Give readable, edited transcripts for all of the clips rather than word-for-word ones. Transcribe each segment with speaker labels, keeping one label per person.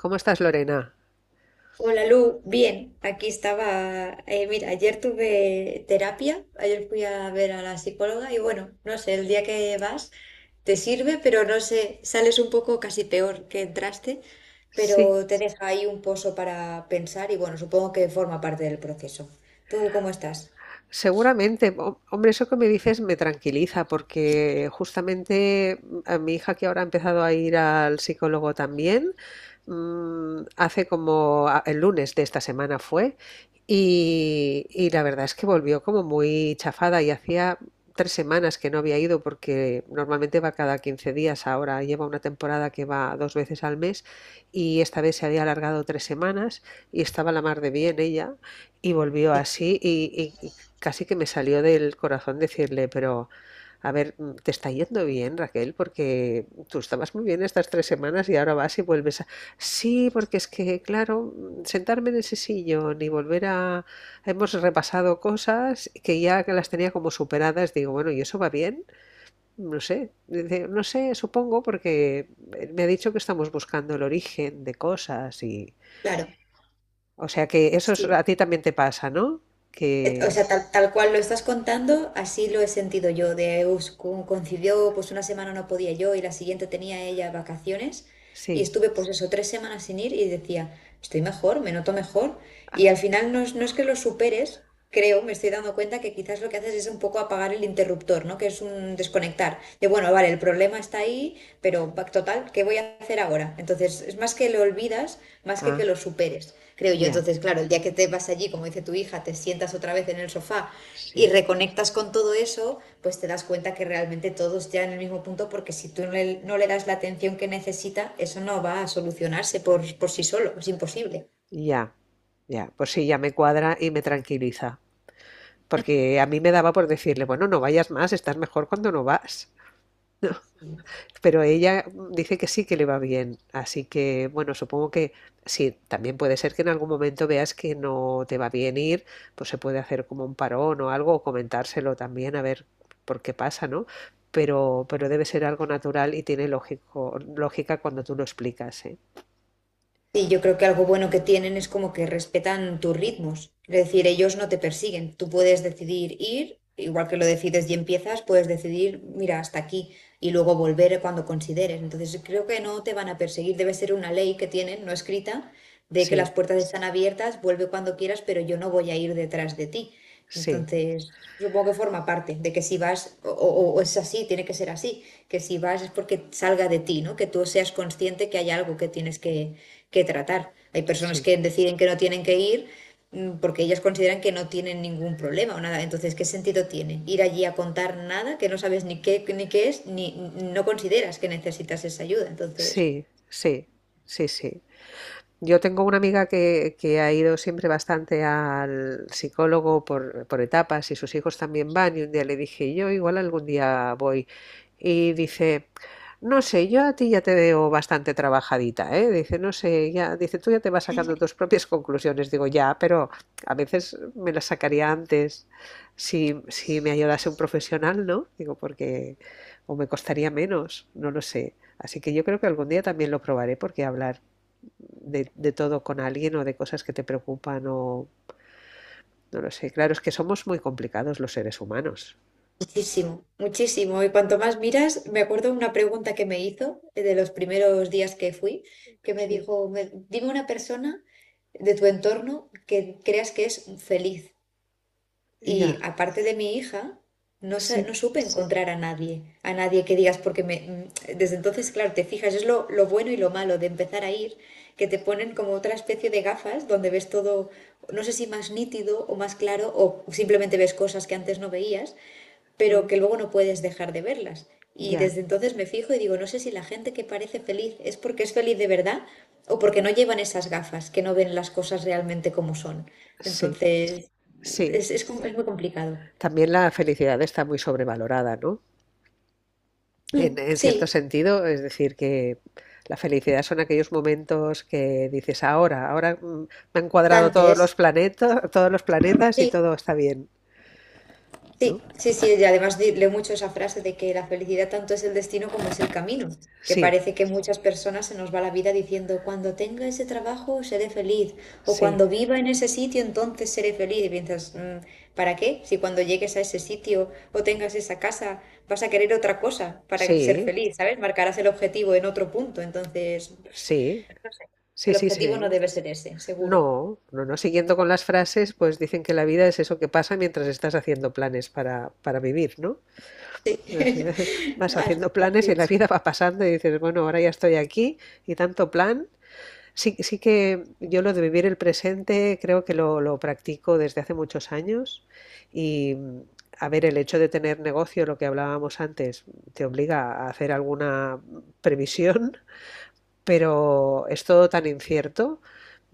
Speaker 1: ¿Cómo estás, Lorena?
Speaker 2: Hola Lu, bien, aquí estaba, mira, ayer tuve terapia, ayer fui a ver a la psicóloga y bueno, no sé, el día que vas te sirve, pero no sé, sales un poco casi peor que entraste,
Speaker 1: Sí,
Speaker 2: pero te deja ahí un pozo para pensar y bueno, supongo que forma parte del proceso. ¿Tú cómo estás?
Speaker 1: seguramente. Hombre, eso que me dices me tranquiliza porque justamente, a mi hija, que ahora ha empezado a ir al psicólogo también, hace como el lunes de esta semana fue. Y la verdad es que volvió como muy chafada, y hacía 3 semanas que no había ido porque normalmente va cada 15 días; ahora lleva una temporada que va dos veces al mes y esta vez se había alargado 3 semanas, y estaba la mar de bien ella y volvió así, y- casi que me salió del corazón decirle: pero a ver, te está yendo bien, Raquel, porque tú estabas muy bien estas 3 semanas y ahora vas y vuelves a... Sí, porque es que, claro, sentarme en ese sillón y volver a... Hemos repasado cosas que ya las tenía como superadas. Digo, bueno, ¿y eso va bien? No sé, dice, no sé, supongo, porque me ha dicho que estamos buscando el origen de cosas y...
Speaker 2: Claro,
Speaker 1: O sea que eso,
Speaker 2: sí.
Speaker 1: a ti también te pasa, ¿no? Que
Speaker 2: O sea, tal cual lo estás contando, así lo he sentido yo, coincidió pues una semana no podía yo y la siguiente tenía ella vacaciones. Y
Speaker 1: sí,
Speaker 2: estuve pues eso, tres semanas sin ir y decía, estoy mejor, me noto mejor. Y al final no es que lo superes, creo, me estoy dando cuenta que quizás lo que haces es un poco apagar el interruptor, ¿no? Que es un desconectar. De bueno, vale, el problema está ahí, pero total, ¿qué voy a hacer ahora? Entonces, es más que lo olvidas, más que
Speaker 1: ah,
Speaker 2: lo superes, creo yo.
Speaker 1: ya.
Speaker 2: Entonces, claro, el día que te vas allí, como dice tu hija, te sientas otra vez en el sofá y
Speaker 1: Sí,
Speaker 2: reconectas con todo eso, pues te das cuenta que realmente todos ya en el mismo punto, porque si tú no le das la atención que necesita, eso no va a solucionarse por sí solo, es imposible.
Speaker 1: ya, ya. Pues sí, ya me cuadra y me tranquiliza. Porque a mí me daba por decirle, bueno, no vayas más, estás mejor cuando no vas.
Speaker 2: Sí,
Speaker 1: Pero ella, dice que sí, que le va bien. Así que, bueno, supongo que sí, también puede ser que en algún momento veas que no te va bien ir, pues se puede hacer como un parón o algo, o comentárselo también, a ver por qué pasa, ¿no? Pero debe ser algo natural y tiene lógico, lógica, cuando tú lo explicas, ¿eh?
Speaker 2: sí, yo creo que algo bueno que tienen es como que respetan tus ritmos. Es decir, ellos no te persiguen. Tú puedes decidir ir, igual que lo decides y empiezas, puedes decidir, mira, hasta aquí y luego volver cuando consideres. Entonces, creo que no te van a perseguir. Debe ser una ley que tienen, no escrita, de que las
Speaker 1: Sí,
Speaker 2: puertas están abiertas, vuelve cuando quieras, pero yo no voy a ir detrás de ti.
Speaker 1: sí,
Speaker 2: Entonces, supongo que forma parte de que si vas, o es así, tiene que ser así, que si vas es porque salga de ti, ¿no? Que tú seas consciente que hay algo que que tratar. Hay personas
Speaker 1: sí.
Speaker 2: que deciden que no tienen que ir porque ellas consideran que no tienen ningún problema o nada. Entonces, ¿qué sentido tiene ir allí a contar nada que no sabes ni qué es, ni no consideras que necesitas esa ayuda? Entonces...
Speaker 1: Sí, sí, sí, sí. Yo tengo una amiga que ha ido siempre bastante al psicólogo por etapas, y sus hijos también van, y un día le dije: yo igual algún día voy. Y dice, no sé, yo a ti ya te veo bastante trabajadita, ¿eh? Dice, no sé, ya, dice, tú ya te vas sacando tus propias conclusiones. Digo, ya, pero a veces me las sacaría antes si, si me ayudase un profesional, ¿no? Digo, porque, o me costaría menos, no lo sé. Así que yo creo que algún día también lo probaré, porque hablar de todo con alguien, o de cosas que te preocupan, o no lo sé. Claro, es que somos muy complicados los seres humanos.
Speaker 2: Muchísimo, muchísimo. Y cuanto más miras, me acuerdo una pregunta que me hizo de los primeros días que fui, que me
Speaker 1: Sí,
Speaker 2: dijo, Dime una persona de tu entorno que creas que es feliz". Y
Speaker 1: ya,
Speaker 2: aparte de mi hija, no,
Speaker 1: sí,
Speaker 2: no supe encontrar a nadie que digas, porque desde entonces, claro, te fijas, es lo bueno y lo malo de empezar a ir, que te ponen como otra especie de gafas donde ves todo, no sé si más nítido o más claro, o simplemente ves cosas que antes no veías, pero
Speaker 1: mm,
Speaker 2: que luego no puedes dejar de verlas. Y
Speaker 1: ya,
Speaker 2: desde entonces me fijo y digo, no sé si la gente que parece feliz es porque es feliz de verdad o porque no llevan esas gafas, que no ven las cosas realmente como son.
Speaker 1: sí,
Speaker 2: Entonces,
Speaker 1: sí.
Speaker 2: es muy complicado.
Speaker 1: También la felicidad está muy sobrevalorada, ¿no? En, en cierto
Speaker 2: Sí.
Speaker 1: sentido, es decir, que la felicidad son aquellos momentos que dices: ahora, ahora, me han cuadrado
Speaker 2: Dante es.
Speaker 1: todos los planetas y
Speaker 2: Sí,
Speaker 1: todo está bien, ¿no?
Speaker 2: sí, sí, sí. Y además leo mucho esa frase de que la felicidad tanto es el destino como es el camino. Que
Speaker 1: Sí,
Speaker 2: parece que muchas personas se nos va la vida diciendo, cuando tenga ese trabajo seré feliz. O
Speaker 1: sí,
Speaker 2: cuando viva en ese sitio entonces seré feliz. Y piensas, ¿para qué? Si cuando llegues a ese sitio o tengas esa casa vas a querer otra cosa para ser
Speaker 1: sí,
Speaker 2: feliz, ¿sabes? Marcarás el objetivo en otro punto". Entonces,
Speaker 1: sí,
Speaker 2: no sé.
Speaker 1: sí,
Speaker 2: El
Speaker 1: sí,
Speaker 2: objetivo no
Speaker 1: sí.
Speaker 2: debe ser ese, seguro.
Speaker 1: No, no, no. Siguiendo con las frases, pues dicen que la vida es eso que pasa mientras estás haciendo planes para vivir, ¿no? O sea, vas haciendo
Speaker 2: Así
Speaker 1: planes y la
Speaker 2: es.
Speaker 1: vida va pasando y dices, bueno, ahora ya estoy aquí y tanto plan. Sí, sí que yo lo de vivir el presente creo que lo practico desde hace muchos años, y a ver, el hecho de tener negocio, lo que hablábamos antes, te obliga a hacer alguna previsión, pero es todo tan incierto.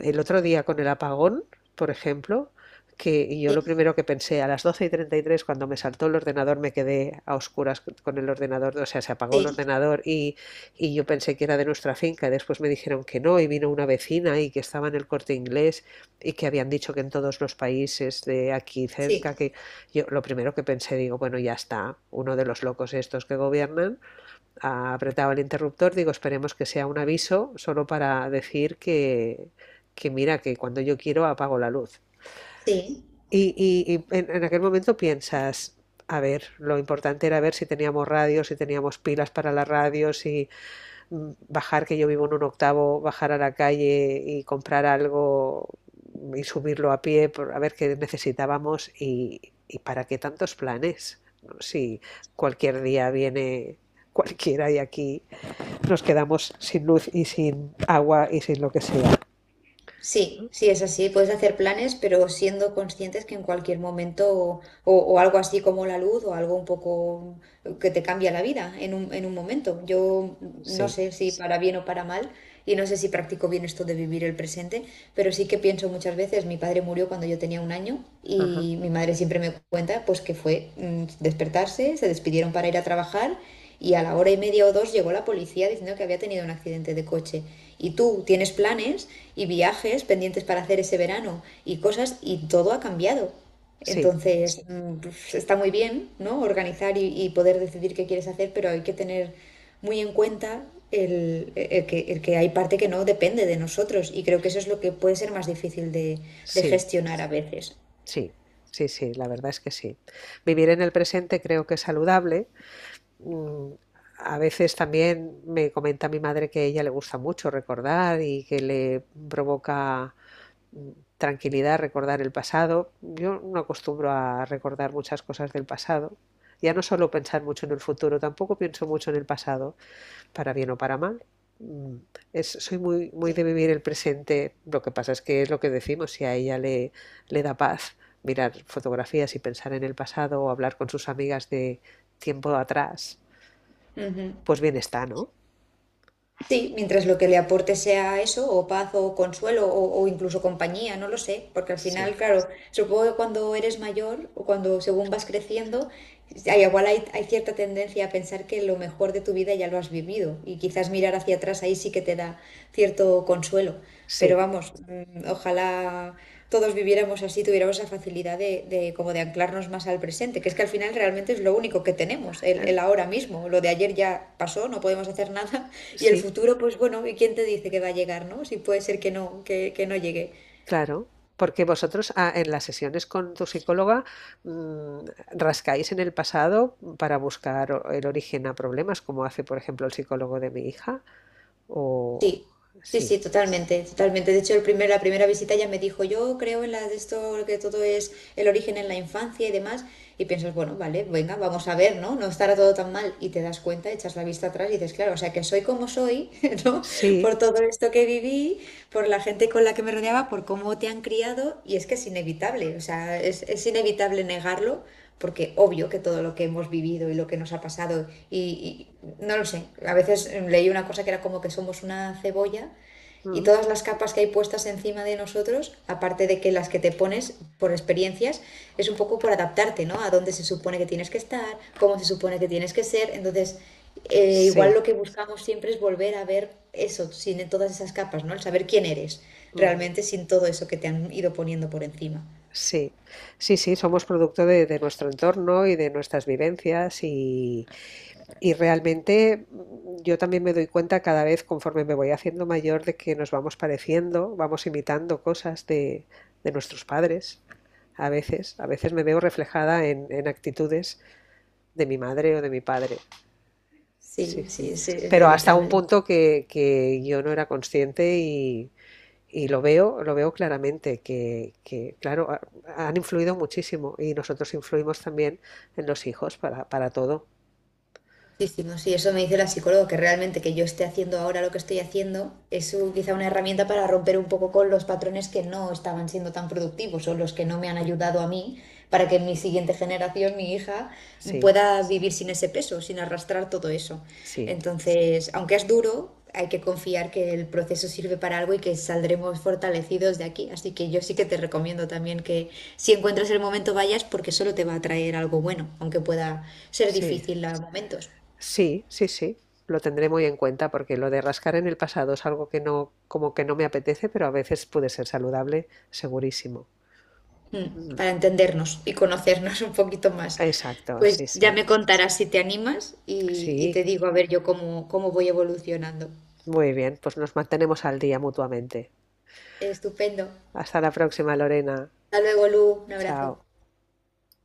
Speaker 1: El otro día con el apagón, por ejemplo, que yo lo
Speaker 2: Sí,
Speaker 1: primero que pensé, a las 12:33, cuando me saltó el ordenador, me quedé a oscuras con el ordenador, o sea, se apagó el
Speaker 2: sí,
Speaker 1: ordenador, y yo pensé que era de nuestra finca, y después me dijeron que no, y vino una vecina, y que estaba en el Corte Inglés, y que habían dicho que en todos los países de aquí
Speaker 2: sí,
Speaker 1: cerca. Que yo lo primero que pensé, digo, bueno, ya está, uno de los locos estos que gobiernan apretaba el interruptor. Digo, esperemos que sea un aviso solo para decir que, mira, que cuando yo quiero apago la luz.
Speaker 2: sí.
Speaker 1: Y en aquel momento piensas, a ver, lo importante era ver si teníamos radio, si teníamos pilas para la radio, si bajar, que yo vivo en un octavo, bajar a la calle y comprar algo y subirlo a pie, a ver qué necesitábamos, y para qué tantos planes, ¿no? Si cualquier día viene cualquiera y aquí nos quedamos sin luz y sin agua y sin lo que sea.
Speaker 2: Sí,
Speaker 1: ¿No?
Speaker 2: sí, es así. Puedes hacer planes, pero siendo conscientes que en cualquier momento o algo así como la luz o algo un poco que te cambia la vida en en un momento. Yo no
Speaker 1: Sí,
Speaker 2: sé si para bien o para mal y no sé si practico bien esto de vivir el presente, pero sí que pienso muchas veces, mi padre murió cuando yo tenía un año
Speaker 1: ajá,
Speaker 2: y mi madre siempre me cuenta pues que fue despertarse, se despidieron para ir a trabajar y a la hora y media o dos llegó la policía diciendo que había tenido un accidente de coche. Y tú tienes planes y viajes pendientes para hacer ese verano y cosas y todo ha cambiado.
Speaker 1: sí,
Speaker 2: Entonces, pues, está muy bien, ¿no? Organizar y poder decidir qué quieres hacer, pero hay que tener muy en cuenta el que hay parte que no depende de nosotros y creo que eso es lo que puede ser más difícil de
Speaker 1: sí,
Speaker 2: gestionar a veces.
Speaker 1: sí, sí, sí, la verdad es que sí. Vivir en el presente creo que es saludable. Mm, A veces también me comenta mi madre que a ella le gusta mucho recordar, y que le provoca, mm, tranquilidad, recordar el pasado. Yo no acostumbro a recordar muchas cosas del pasado. Ya no solo pensar mucho en el futuro, tampoco pienso mucho en el pasado, para bien o para mal. Mm, soy muy, muy
Speaker 2: Sí.
Speaker 1: de vivir el presente. Lo que pasa es que es lo que decimos, si a ella le da paz mirar fotografías y pensar en el pasado, o hablar con sus amigas de tiempo atrás,
Speaker 2: Ujú.
Speaker 1: pues bien está, ¿no?
Speaker 2: Sí, mientras lo que le aporte sea eso, o paz, o consuelo, o incluso compañía, no lo sé, porque al
Speaker 1: Sí,
Speaker 2: final, claro, supongo que cuando eres mayor o cuando según vas creciendo, hay cierta tendencia a pensar que lo mejor de tu vida ya lo has vivido y quizás mirar hacia atrás ahí sí que te da cierto consuelo. Pero
Speaker 1: sí,
Speaker 2: vamos, ojalá todos viviéramos así, tuviéramos esa facilidad de como de anclarnos más al presente, que es que al final realmente es lo único que tenemos,
Speaker 1: eh,
Speaker 2: el ahora mismo. Lo de ayer ya pasó, no podemos hacer nada, y el
Speaker 1: sí,
Speaker 2: futuro, pues bueno, ¿y quién te dice que va a llegar, no? Si puede ser que no, que no llegue.
Speaker 1: claro. Porque vosotros, en las sesiones con tu psicóloga, mm, rascáis en el pasado para buscar el origen a problemas, como hace, por ejemplo, el psicólogo de mi hija, o
Speaker 2: Sí, sí, sí,
Speaker 1: sí.
Speaker 2: totalmente, totalmente. De hecho, la primera visita ya me dijo, yo creo en la de esto, que todo es el origen en la infancia y demás. Y piensas, bueno, vale, venga, vamos a ver, ¿no? No estará todo tan mal. Y te das cuenta, echas la vista atrás y dices, claro, o sea, que soy como soy, ¿no?
Speaker 1: Sí.
Speaker 2: Por todo esto que viví, por la gente con la que me rodeaba, por cómo te han criado. Y es que es inevitable, o sea, es inevitable negarlo porque obvio que todo lo que hemos vivido y lo que nos ha pasado, y no lo sé, a veces leí una cosa que era como que somos una cebolla y
Speaker 1: Mm.
Speaker 2: todas las capas que hay puestas encima de nosotros, aparte de que las que te pones por experiencias, es un poco por adaptarte, ¿no? A dónde se supone que tienes que estar, cómo se supone que tienes que ser. Entonces, igual
Speaker 1: Sí,
Speaker 2: lo que buscamos siempre es volver a ver eso, sin todas esas capas, ¿no? El saber quién eres
Speaker 1: ujú.
Speaker 2: realmente sin todo eso que te han ido poniendo por encima.
Speaker 1: Sí, sí, sí, somos producto de nuestro entorno y de nuestras vivencias, y realmente, yo también me doy cuenta, cada vez conforme me voy haciendo mayor, de que nos vamos pareciendo, vamos imitando cosas de nuestros padres. A veces me veo reflejada en actitudes de mi madre o de mi padre. Sí,
Speaker 2: Sí, sí,
Speaker 1: sí.
Speaker 2: es
Speaker 1: Pero hasta un
Speaker 2: inevitable.
Speaker 1: punto que yo no era consciente. Y lo veo claramente, que, claro, han influido muchísimo, y nosotros influimos también en los hijos para todo.
Speaker 2: Muchísimo, sí, eso me dice la psicóloga, que realmente que yo esté haciendo ahora lo que estoy haciendo es quizá una herramienta para romper un poco con los patrones que no estaban siendo tan productivos o los que no me han ayudado a mí para que mi siguiente generación, mi hija,
Speaker 1: Sí,
Speaker 2: pueda vivir sin ese peso, sin arrastrar todo eso.
Speaker 1: sí,
Speaker 2: Entonces, aunque es duro, hay que confiar que el proceso sirve para algo y que saldremos fortalecidos de aquí. Así que yo sí que te recomiendo también que si encuentras el momento vayas porque solo te va a traer algo bueno, aunque pueda ser
Speaker 1: sí,
Speaker 2: difícil a momentos.
Speaker 1: sí, sí, sí. Lo tendré muy en cuenta porque lo de rascar en el pasado es algo que no, como que no me apetece, pero a veces puede ser saludable, segurísimo. Ujú.
Speaker 2: Para entendernos y conocernos un poquito más.
Speaker 1: Exacto,
Speaker 2: Pues
Speaker 1: sí,
Speaker 2: ya
Speaker 1: sí.
Speaker 2: me contarás si te animas y te
Speaker 1: Sí,
Speaker 2: digo a ver yo cómo voy evolucionando.
Speaker 1: muy bien, pues nos mantenemos al día mutuamente.
Speaker 2: Estupendo.
Speaker 1: Hasta la próxima, Lorena.
Speaker 2: Hasta luego, Lu. Un abrazo.
Speaker 1: Chao.